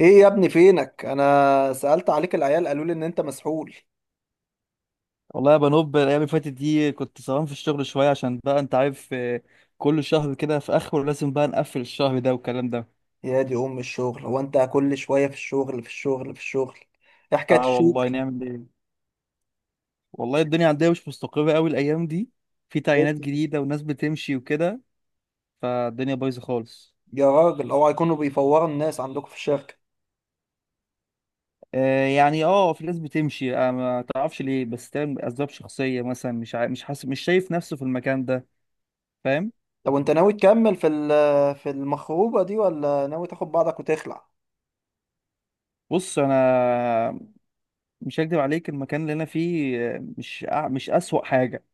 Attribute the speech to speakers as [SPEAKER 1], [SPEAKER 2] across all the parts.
[SPEAKER 1] ايه يا ابني فينك، انا سألت عليك العيال قالوا لي ان انت مسحول.
[SPEAKER 2] والله يا بنوب الايام اللي فاتت دي كنت سهران في الشغل شويه عشان بقى انت عارف. كل شهر كده في اخره لازم بقى نقفل الشهر ده والكلام ده.
[SPEAKER 1] يا دي ام الشغل، هو انت كل شوية في الشغل في الشغل في الشغل؟ ايه حكاية
[SPEAKER 2] اه والله
[SPEAKER 1] الشغل؟
[SPEAKER 2] نعمل ايه. والله الدنيا عندنا مش مستقره قوي الايام دي. في
[SPEAKER 1] إيه؟
[SPEAKER 2] تعيينات جديده وناس بتمشي وكده. فالدنيا بايظه خالص.
[SPEAKER 1] يا راجل اوعى يكونوا بيفوروا الناس عندكم في الشركة.
[SPEAKER 2] يعني في ناس بتمشي. ما تعرفش ليه، بس تم اسباب شخصيه مثلا. مش حاسس، مش شايف نفسه في المكان ده، فاهم.
[SPEAKER 1] طب وانت ناوي تكمل في المخروبة دي ولا ناوي تاخد بعضك وتخلع؟
[SPEAKER 2] بص انا مش هكدب عليك، المكان اللي انا فيه، مش اسوأ حاجه،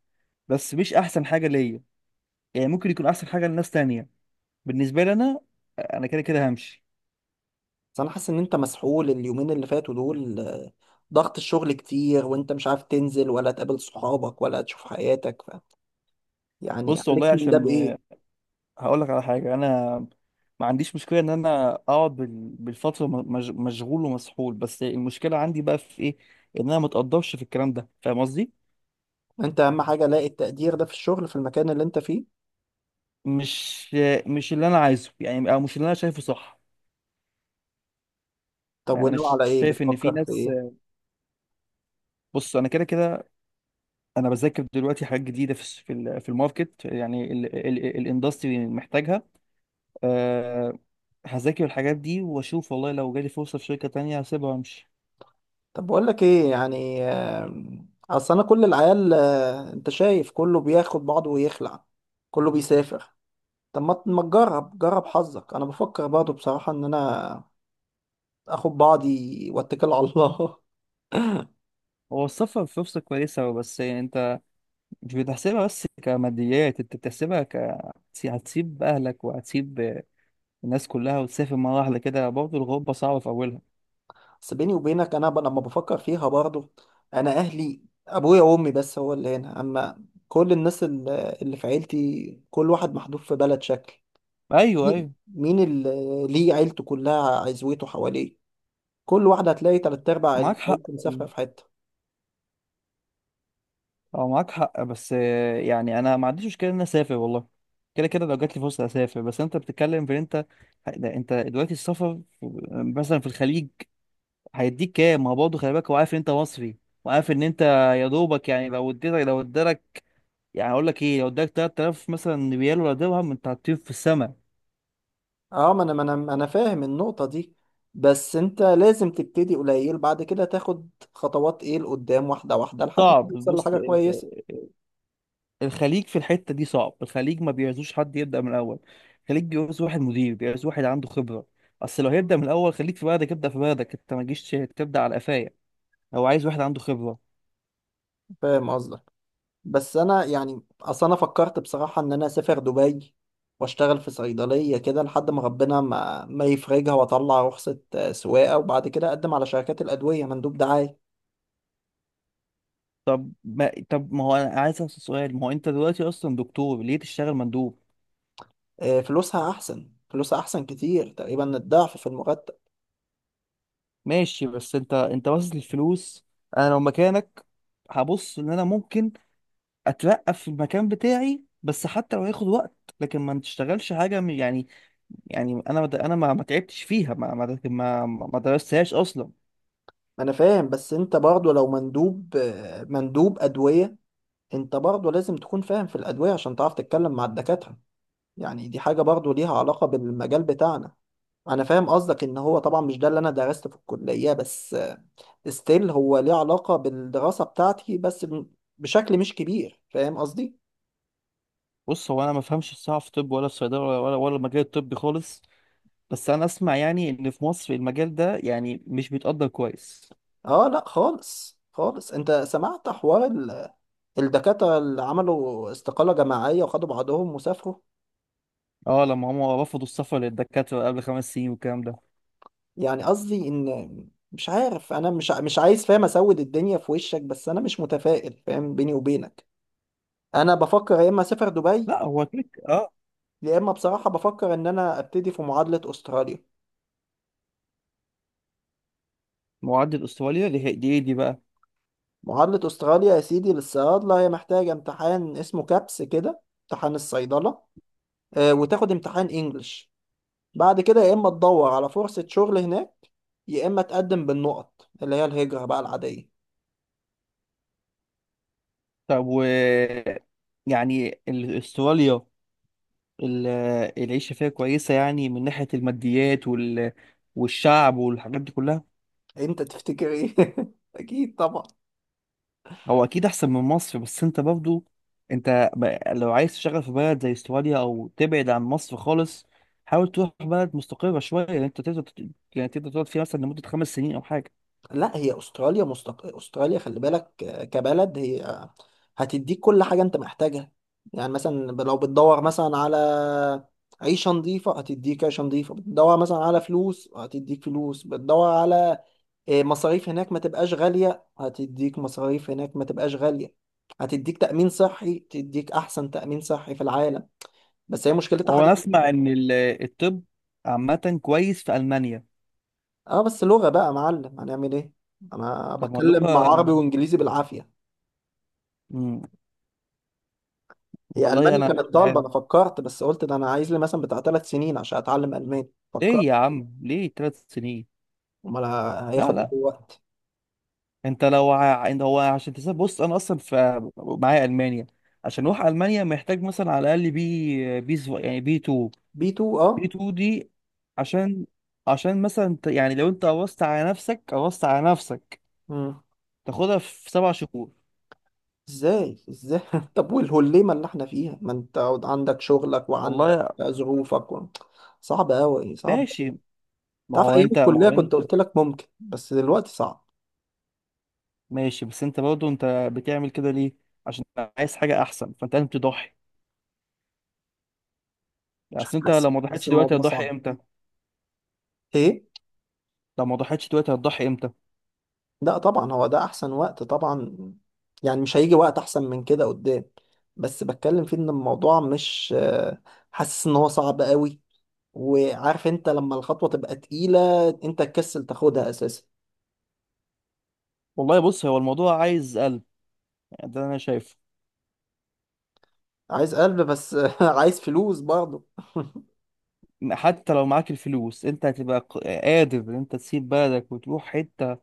[SPEAKER 2] بس مش احسن حاجه ليا. يعني ممكن يكون احسن حاجه لناس تانية، بالنسبه لي انا، انا كده كده همشي.
[SPEAKER 1] بس انا حاسس ان انت مسحول اليومين اللي فاتوا دول، ضغط الشغل كتير وانت مش عارف تنزل ولا تقابل صحابك ولا تشوف حياتك. يعني
[SPEAKER 2] بص والله،
[SPEAKER 1] عليك من ده
[SPEAKER 2] عشان
[SPEAKER 1] بايه؟
[SPEAKER 2] هقول لك على حاجه، انا ما عنديش مشكله ان انا اقعد بالفتره مشغول ومسحول، بس المشكله عندي بقى في ايه؟ ان انا ما اتقدرش في الكلام ده، فاهم قصدي.
[SPEAKER 1] انت اهم حاجه لاقي التقدير ده في الشغل في المكان اللي انت فيه.
[SPEAKER 2] مش مش اللي انا عايزه، يعني او مش اللي انا شايفه صح.
[SPEAKER 1] طب
[SPEAKER 2] يعني انا
[SPEAKER 1] وناوي على ايه،
[SPEAKER 2] شايف ان في
[SPEAKER 1] بتفكر في
[SPEAKER 2] ناس.
[SPEAKER 1] ايه؟
[SPEAKER 2] بص انا كده كده، انا بذاكر دلوقتي حاجات جديده في الماركت، يعني الاندستري محتاجها. آه، هذاكر الحاجات دي واشوف، والله لو جالي فرصة في شركة تانية هسيبها وامشي.
[SPEAKER 1] طب بقول لك ايه، يعني اصل انا كل العيال، انت شايف كله بياخد بعضه ويخلع، كله بيسافر. طب ما تجرب، جرب حظك، انا بفكر برضه بصراحه ان انا اخد بعضي واتكل على الله.
[SPEAKER 2] هو السفر فرصة كويسة، بس انت مش بتحسبها بس كماديات، انت بتحسبها ك... هتسيب اهلك وهتسيب الناس كلها وتسافر مرة واحدة كده، برضه الغربة صعبة في اولها.
[SPEAKER 1] بس بيني وبينك انا لما بفكر فيها برضه، انا اهلي ابويا وامي بس هو اللي هنا، اما كل الناس اللي في عيلتي كل واحد محدود في بلد شكل.
[SPEAKER 2] ايوه،
[SPEAKER 1] مين
[SPEAKER 2] ايوه،
[SPEAKER 1] مين اللي ليه عيلته كلها عزوته حواليه؟ كل واحدة هتلاقي تلات أرباع
[SPEAKER 2] معاك حق.
[SPEAKER 1] عيلته مسافرة في حتة.
[SPEAKER 2] اه معاك حق، بس يعني انا ما عنديش مشكلة ان انا اسافر، والله كده كده لو جات لي فرصة اسافر. بس انت بتتكلم في إن انت، لا، انت دلوقتي السفر مثلا في الخليج هيديك كام؟ ما هو برضه خلي بالك، هو عارف ان انت مصري، وعارف ان انت يا دوبك، يعني لو ادالك، يعني هقول لك ايه، لو اداك 3000 مثلا ريال ولا درهم، انت هتطير في السماء.
[SPEAKER 1] اه، ما انا ما انا ما أنا فاهم النقطة دي، بس انت لازم تبتدي قليل بعد كده تاخد خطوات ايه لقدام، واحدة واحدة، لحد ما
[SPEAKER 2] صعب،
[SPEAKER 1] توصل
[SPEAKER 2] بص
[SPEAKER 1] لحاجة كويسة.
[SPEAKER 2] الخليج في الحته دي صعب. الخليج ما بيعزوش حد يبدا من الاول، الخليج بيعوز واحد مدير، بيعوز واحد عنده خبره. اصل لو هيبدا من الاول، خليك في بلدك، ابدا في بلدك، انت ما تجيش تبدا على قفايا. هو عايز واحد عنده خبره.
[SPEAKER 1] فاهم قصدك، بس انا يعني اصل انا فكرت بصراحة ان انا اسافر دبي واشتغل في صيدلية كده لحد ما ربنا ما يفرجها واطلع رخصة سواقة، وبعد كده اقدم على شركات الأدوية مندوب دعاية.
[SPEAKER 2] طب ما هو، انا عايز اسال سؤال، ما هو انت دلوقتي اصلا دكتور، ليه تشتغل مندوب؟
[SPEAKER 1] فلوسها احسن، فلوسها احسن كتير، تقريبا الضعف في المرتب.
[SPEAKER 2] ماشي بس انت باصص للفلوس. انا لو مكانك هبص ان انا ممكن اترقى في المكان بتاعي، بس حتى لو هياخد وقت. لكن ما تشتغلش حاجه يعني، يعني انا ما تعبتش فيها، ما ما درستهاش اصلا.
[SPEAKER 1] انا فاهم، بس انت برضه لو مندوب، مندوب ادوية، انت برضه لازم تكون فاهم في الادوية عشان تعرف تتكلم مع الدكاترة. يعني دي حاجة برضه ليها علاقة بالمجال بتاعنا. انا فاهم قصدك ان هو طبعا مش ده اللي انا درسته في الكلية، بس ستيل هو ليه علاقة بالدراسة بتاعتي، بس بشكل مش كبير، فاهم قصدي.
[SPEAKER 2] بص هو انا ما فهمش الصراحه في طب ولا في صيدله ولا المجال الطبي خالص، بس انا اسمع يعني ان في مصر المجال ده يعني مش بيتقدر كويس.
[SPEAKER 1] اه لا خالص خالص، انت سمعت حوار الدكاترة اللي عملوا استقالة جماعية وخدوا بعضهم وسافروا.
[SPEAKER 2] اه، لما هم رفضوا السفر للدكاتره قبل 5 سنين والكلام ده.
[SPEAKER 1] يعني قصدي إن مش عارف، أنا مش عايز فاهم أسود الدنيا في وشك، بس أنا مش متفائل، فاهم، بيني وبينك أنا بفكر يا إما أسافر دبي،
[SPEAKER 2] لا هو كليك، اه.
[SPEAKER 1] يا إما بصراحة بفكر إن أنا أبتدي في معادلة أستراليا.
[SPEAKER 2] معدل استراليا دي إيه دي بقى؟
[SPEAKER 1] معادلة أستراليا يا سيدي للصيادلة، هي محتاجة امتحان اسمه كابس كده، امتحان الصيدلة، وتاخد امتحان إنجلش، بعد كده يا إما تدور على فرصة شغل هناك، يا إما تقدم بالنقط اللي هي الهجرة بقى العادية.
[SPEAKER 2] طب و... يعني استراليا، ال- العيشة فيها كويسة يعني، من ناحية الماديات وال... والشعب والحاجات دي كلها.
[SPEAKER 1] انت تفتكر ايه؟ اكيد طبعا.
[SPEAKER 2] هو أكيد أحسن من مصر، بس أنت برضو، أنت لو عايز تشتغل في بلد زي استراليا أو تبعد عن مصر خالص، حاول تروح بلد مستقرة شوية، يعني أنت تقدر يعني تقدر تقعد فيها مثلا لمدة 5 سنين أو حاجة.
[SPEAKER 1] لا، هي استراليا. استراليا خلي بالك، كبلد هي، هتديك كل حاجه انت محتاجها. يعني مثلا لو بتدور مثلا على عيشه نظيفه هتديك عيشه نظيفه، بتدور مثلا على فلوس هتديك فلوس، بتدور على، مصاريف هناك ما تبقاش غاليه هتديك مصاريف هناك ما تبقاش غاليه، هتديك تأمين صحي، تديك أحسن تأمين صحي في العالم. بس هي مشكلتها حاجة.
[SPEAKER 2] وأنا أسمع إن الطب عامة كويس في ألمانيا.
[SPEAKER 1] اه بس لغة بقى يا معلم، هنعمل ايه، انا
[SPEAKER 2] طب ما
[SPEAKER 1] بتكلم مع
[SPEAKER 2] اللغة.
[SPEAKER 1] عربي وانجليزي بالعافية.
[SPEAKER 2] مم،
[SPEAKER 1] هي
[SPEAKER 2] والله
[SPEAKER 1] المانيا
[SPEAKER 2] أنا
[SPEAKER 1] كانت
[SPEAKER 2] مش
[SPEAKER 1] طالبة،
[SPEAKER 2] عارف.
[SPEAKER 1] انا فكرت بس قلت ده انا عايز لي مثلا بتاع 3 سنين عشان اتعلم الماني، فكرت.
[SPEAKER 2] ليه يا عم؟ ليه 3 سنين؟
[SPEAKER 1] امال،
[SPEAKER 2] لا
[SPEAKER 1] هياخد قد
[SPEAKER 2] لا،
[SPEAKER 1] إيه وقت؟
[SPEAKER 2] انت، هو عشان تسافر، بص انا اصلا في معايا المانيا. عشان اروح المانيا محتاج مثلا على الاقل يعني بي 2
[SPEAKER 1] بي 2،
[SPEAKER 2] بي
[SPEAKER 1] اه.
[SPEAKER 2] 2 دي عشان، عشان مثلا يعني لو انت قوصت على نفسك، قوصت على نفسك
[SPEAKER 1] مم.
[SPEAKER 2] تاخدها في 7 شهور.
[SPEAKER 1] ازاي ازاي؟ طب والهليمة اللي احنا فيها، ما انت عندك شغلك وعندك
[SPEAKER 2] والله
[SPEAKER 1] ظروفك. صعب قوي، صعب أوي.
[SPEAKER 2] ماشي. ما
[SPEAKER 1] تعرف
[SPEAKER 2] هو
[SPEAKER 1] ايام
[SPEAKER 2] انت ما
[SPEAKER 1] الكلية
[SPEAKER 2] هو انت
[SPEAKER 1] كنت قلت لك ممكن، بس دلوقتي صعب.
[SPEAKER 2] ماشي بس انت برضه، انت بتعمل كده ليه؟ عشان عايز حاجه احسن، فانت لازم تضحي. يعني
[SPEAKER 1] مش
[SPEAKER 2] اصل انت
[SPEAKER 1] حاسس
[SPEAKER 2] لو ما
[SPEAKER 1] حاسس
[SPEAKER 2] ضحيتش دلوقتي
[SPEAKER 1] الموضوع
[SPEAKER 2] هتضحي
[SPEAKER 1] صعب.
[SPEAKER 2] امتى؟
[SPEAKER 1] ايه؟
[SPEAKER 2] لو ما ضحيتش دلوقتي هتضحي امتى؟
[SPEAKER 1] لا طبعا، هو ده احسن وقت طبعا، يعني مش هيجي وقت احسن من كده قدام، بس بتكلم فيه ان الموضوع مش، حاسس ان هو صعب قوي، وعارف انت لما الخطوة تبقى تقيلة انت تكسل تاخدها اساسا.
[SPEAKER 2] والله بص، هو الموضوع عايز قلب، يعني ده انا شايفه.
[SPEAKER 1] عايز قلب، بس عايز فلوس برضه.
[SPEAKER 2] حتى لو معاك الفلوس، انت هتبقى قادر ان انت تسيب بلدك وتروح حته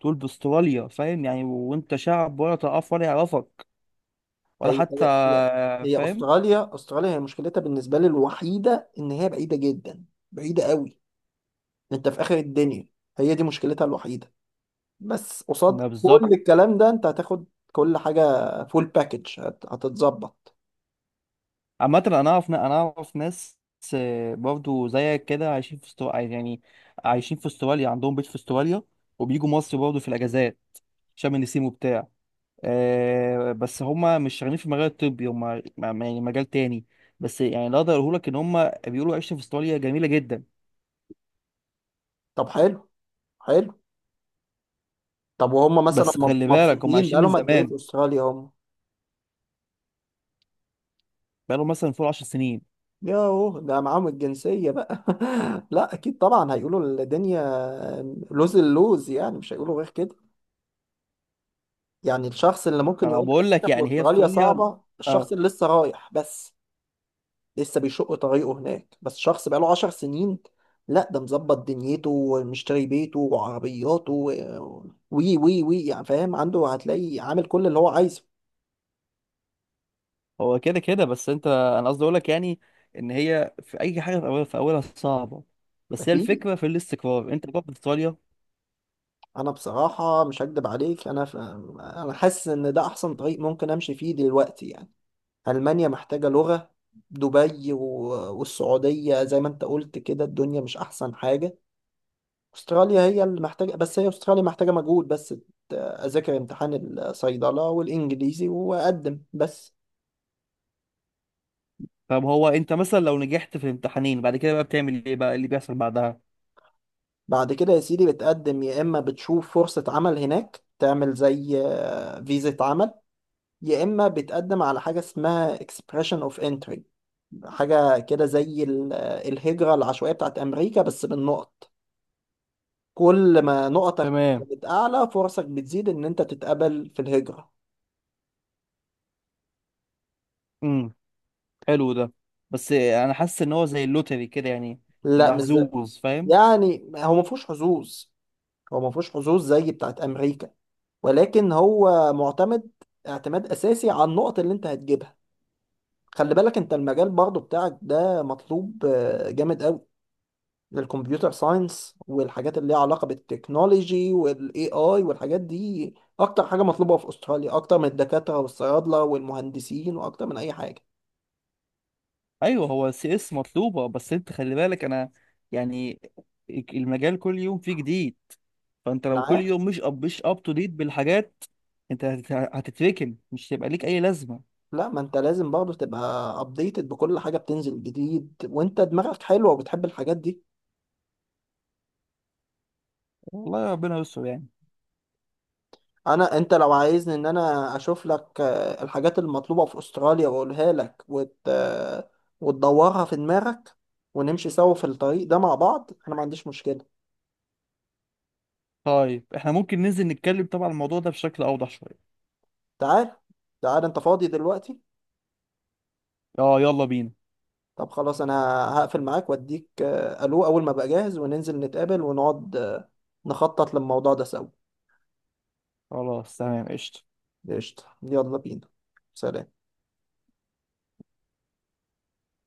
[SPEAKER 2] تقول باستراليا، فاهم يعني؟ وانت شعب ولا تعرف ولا يعرفك ولا
[SPEAKER 1] هي
[SPEAKER 2] حتى،
[SPEAKER 1] هي هي، هي
[SPEAKER 2] فاهم.
[SPEAKER 1] استراليا، استراليا هي مشكلتها بالنسبة لي الوحيدة ان هي بعيدة جدا، بعيدة قوي، انت في اخر الدنيا، هي دي مشكلتها الوحيدة. بس قصاد
[SPEAKER 2] ما
[SPEAKER 1] كل
[SPEAKER 2] بالظبط.
[SPEAKER 1] الكلام ده انت هتاخد كل حاجة، فول باكج هتتظبط.
[SPEAKER 2] عامه انا اعرف ناس، برضو زيك كده، عايشين في استراليا يعني، عايشين في استراليا، عندهم بيت في استراليا، وبيجوا مصر برضو في الاجازات، شم النسيم وبتاع. بس هما مش شغالين في المجال الطبي، هما يعني مجال تاني. بس يعني اللي اقدر اقوله لك، ان هما بيقولوا عيشة في استراليا جميلة جدا.
[SPEAKER 1] طب حلو، حلو. طب وهم مثلا
[SPEAKER 2] بس خلي بالك هما
[SPEAKER 1] مبسوطين
[SPEAKER 2] عايشين من
[SPEAKER 1] بقالهم قد ايه في
[SPEAKER 2] زمان،
[SPEAKER 1] استراليا هم؟
[SPEAKER 2] بقالهم مثلا فوق 10 سنين.
[SPEAKER 1] ياهو ده معاهم الجنسية بقى. لا اكيد طبعا هيقولوا الدنيا لوز اللوز، يعني مش هيقولوا غير كده. يعني الشخص اللي
[SPEAKER 2] ما
[SPEAKER 1] ممكن
[SPEAKER 2] انا
[SPEAKER 1] يقول لك إن
[SPEAKER 2] بقول لك،
[SPEAKER 1] أنت في
[SPEAKER 2] يعني هي
[SPEAKER 1] استراليا
[SPEAKER 2] استراليا،
[SPEAKER 1] صعبة، الشخص
[SPEAKER 2] اه.
[SPEAKER 1] اللي لسه رايح بس، لسه بيشق طريقه هناك. بس شخص بقاله 10 سنين، لا ده مظبط دنيته ومشتري بيته وعربياته وي وي وي، يعني فاهم، عنده هتلاقي عامل كل اللي هو عايزه،
[SPEAKER 2] هو كده كده، بس انت، انا قصدي اقول لك يعني، ان هي في اي حاجة في اولها في اولها صعبة، بس هي
[SPEAKER 1] اكيد.
[SPEAKER 2] الفكرة في الاستقرار انت بقى في استراليا.
[SPEAKER 1] انا بصراحة مش هكدب عليك، انا. انا حاسس ان ده احسن طريق ممكن امشي فيه دلوقتي يعني. المانيا محتاجة لغة، دبي، والسعودية زي ما انت قلت كده الدنيا مش احسن حاجة. استراليا هي اللي محتاجه، بس هي استراليا محتاجه مجهود بس، اذاكر امتحان الصيدله والانجليزي واقدم بس.
[SPEAKER 2] طب هو انت مثلا لو نجحت في الامتحانين بعد كده بقى، بتعمل ايه بقى اللي بيحصل بعدها؟
[SPEAKER 1] بعد كده يا سيدي بتقدم يا اما بتشوف فرصه عمل هناك تعمل زي، فيزا عمل، يا اما بتقدم على حاجه اسمها expression of entry، حاجه كده زي الهجره العشوائيه بتاعت امريكا، بس بالنقط، كل ما نقطك
[SPEAKER 2] تمام،
[SPEAKER 1] كانت اعلى فرصك بتزيد ان انت تتقبل في الهجره.
[SPEAKER 2] حلو ده، بس انا حاسس ان هو زي اللوتري كده يعني،
[SPEAKER 1] لا
[SPEAKER 2] تبقى
[SPEAKER 1] مش زي-
[SPEAKER 2] حظوظ، فاهم.
[SPEAKER 1] يعني هو ما فيهوش حظوظ، هو ما فيهوش حظوظ زي بتاعت امريكا، ولكن هو معتمد اعتماد اساسي على النقط اللي انت هتجيبها. خلي بالك انت المجال برضو بتاعك ده مطلوب، جامد قوي، للكمبيوتر ساينس والحاجات اللي ليها علاقة بالتكنولوجي والاي اي والحاجات دي، اكتر حاجة مطلوبة في استراليا، اكتر من الدكاترة والصيادلة والمهندسين واكتر من اي حاجة.
[SPEAKER 2] ايوه هو سي اس مطلوبه، بس انت خلي بالك انا، يعني المجال كل يوم فيه جديد، فانت لو كل
[SPEAKER 1] معايا.
[SPEAKER 2] يوم مش مش اب تو ديت بالحاجات، انت هتتركن، مش هيبقى ليك اي لازمه.
[SPEAKER 1] لا ما انت لازم برضو تبقى ابديتد بكل حاجة بتنزل جديد، وانت دماغك حلوة وبتحب الحاجات دي.
[SPEAKER 2] والله ربنا يستر يعني.
[SPEAKER 1] انا، انت لو عايزني ان انا اشوف لك، الحاجات المطلوبة في استراليا واقولها لك وت... آه، وتدورها في دماغك ونمشي سوا في الطريق ده مع بعض، انا ما عنديش مشكلة.
[SPEAKER 2] طيب احنا ممكن ننزل نتكلم طبعا الموضوع ده بشكل اوضح شويه.
[SPEAKER 1] تعال، تعال انت فاضي دلوقتي؟
[SPEAKER 2] اه يلا بينا.
[SPEAKER 1] طب خلاص، انا هقفل معاك واديك، الو اول ما ابقى جاهز، وننزل نتقابل ونقعد، نخطط للموضوع ده سوا.
[SPEAKER 2] خلاص، تمام، قشطه.
[SPEAKER 1] قشطة، يلا بينا. سلام.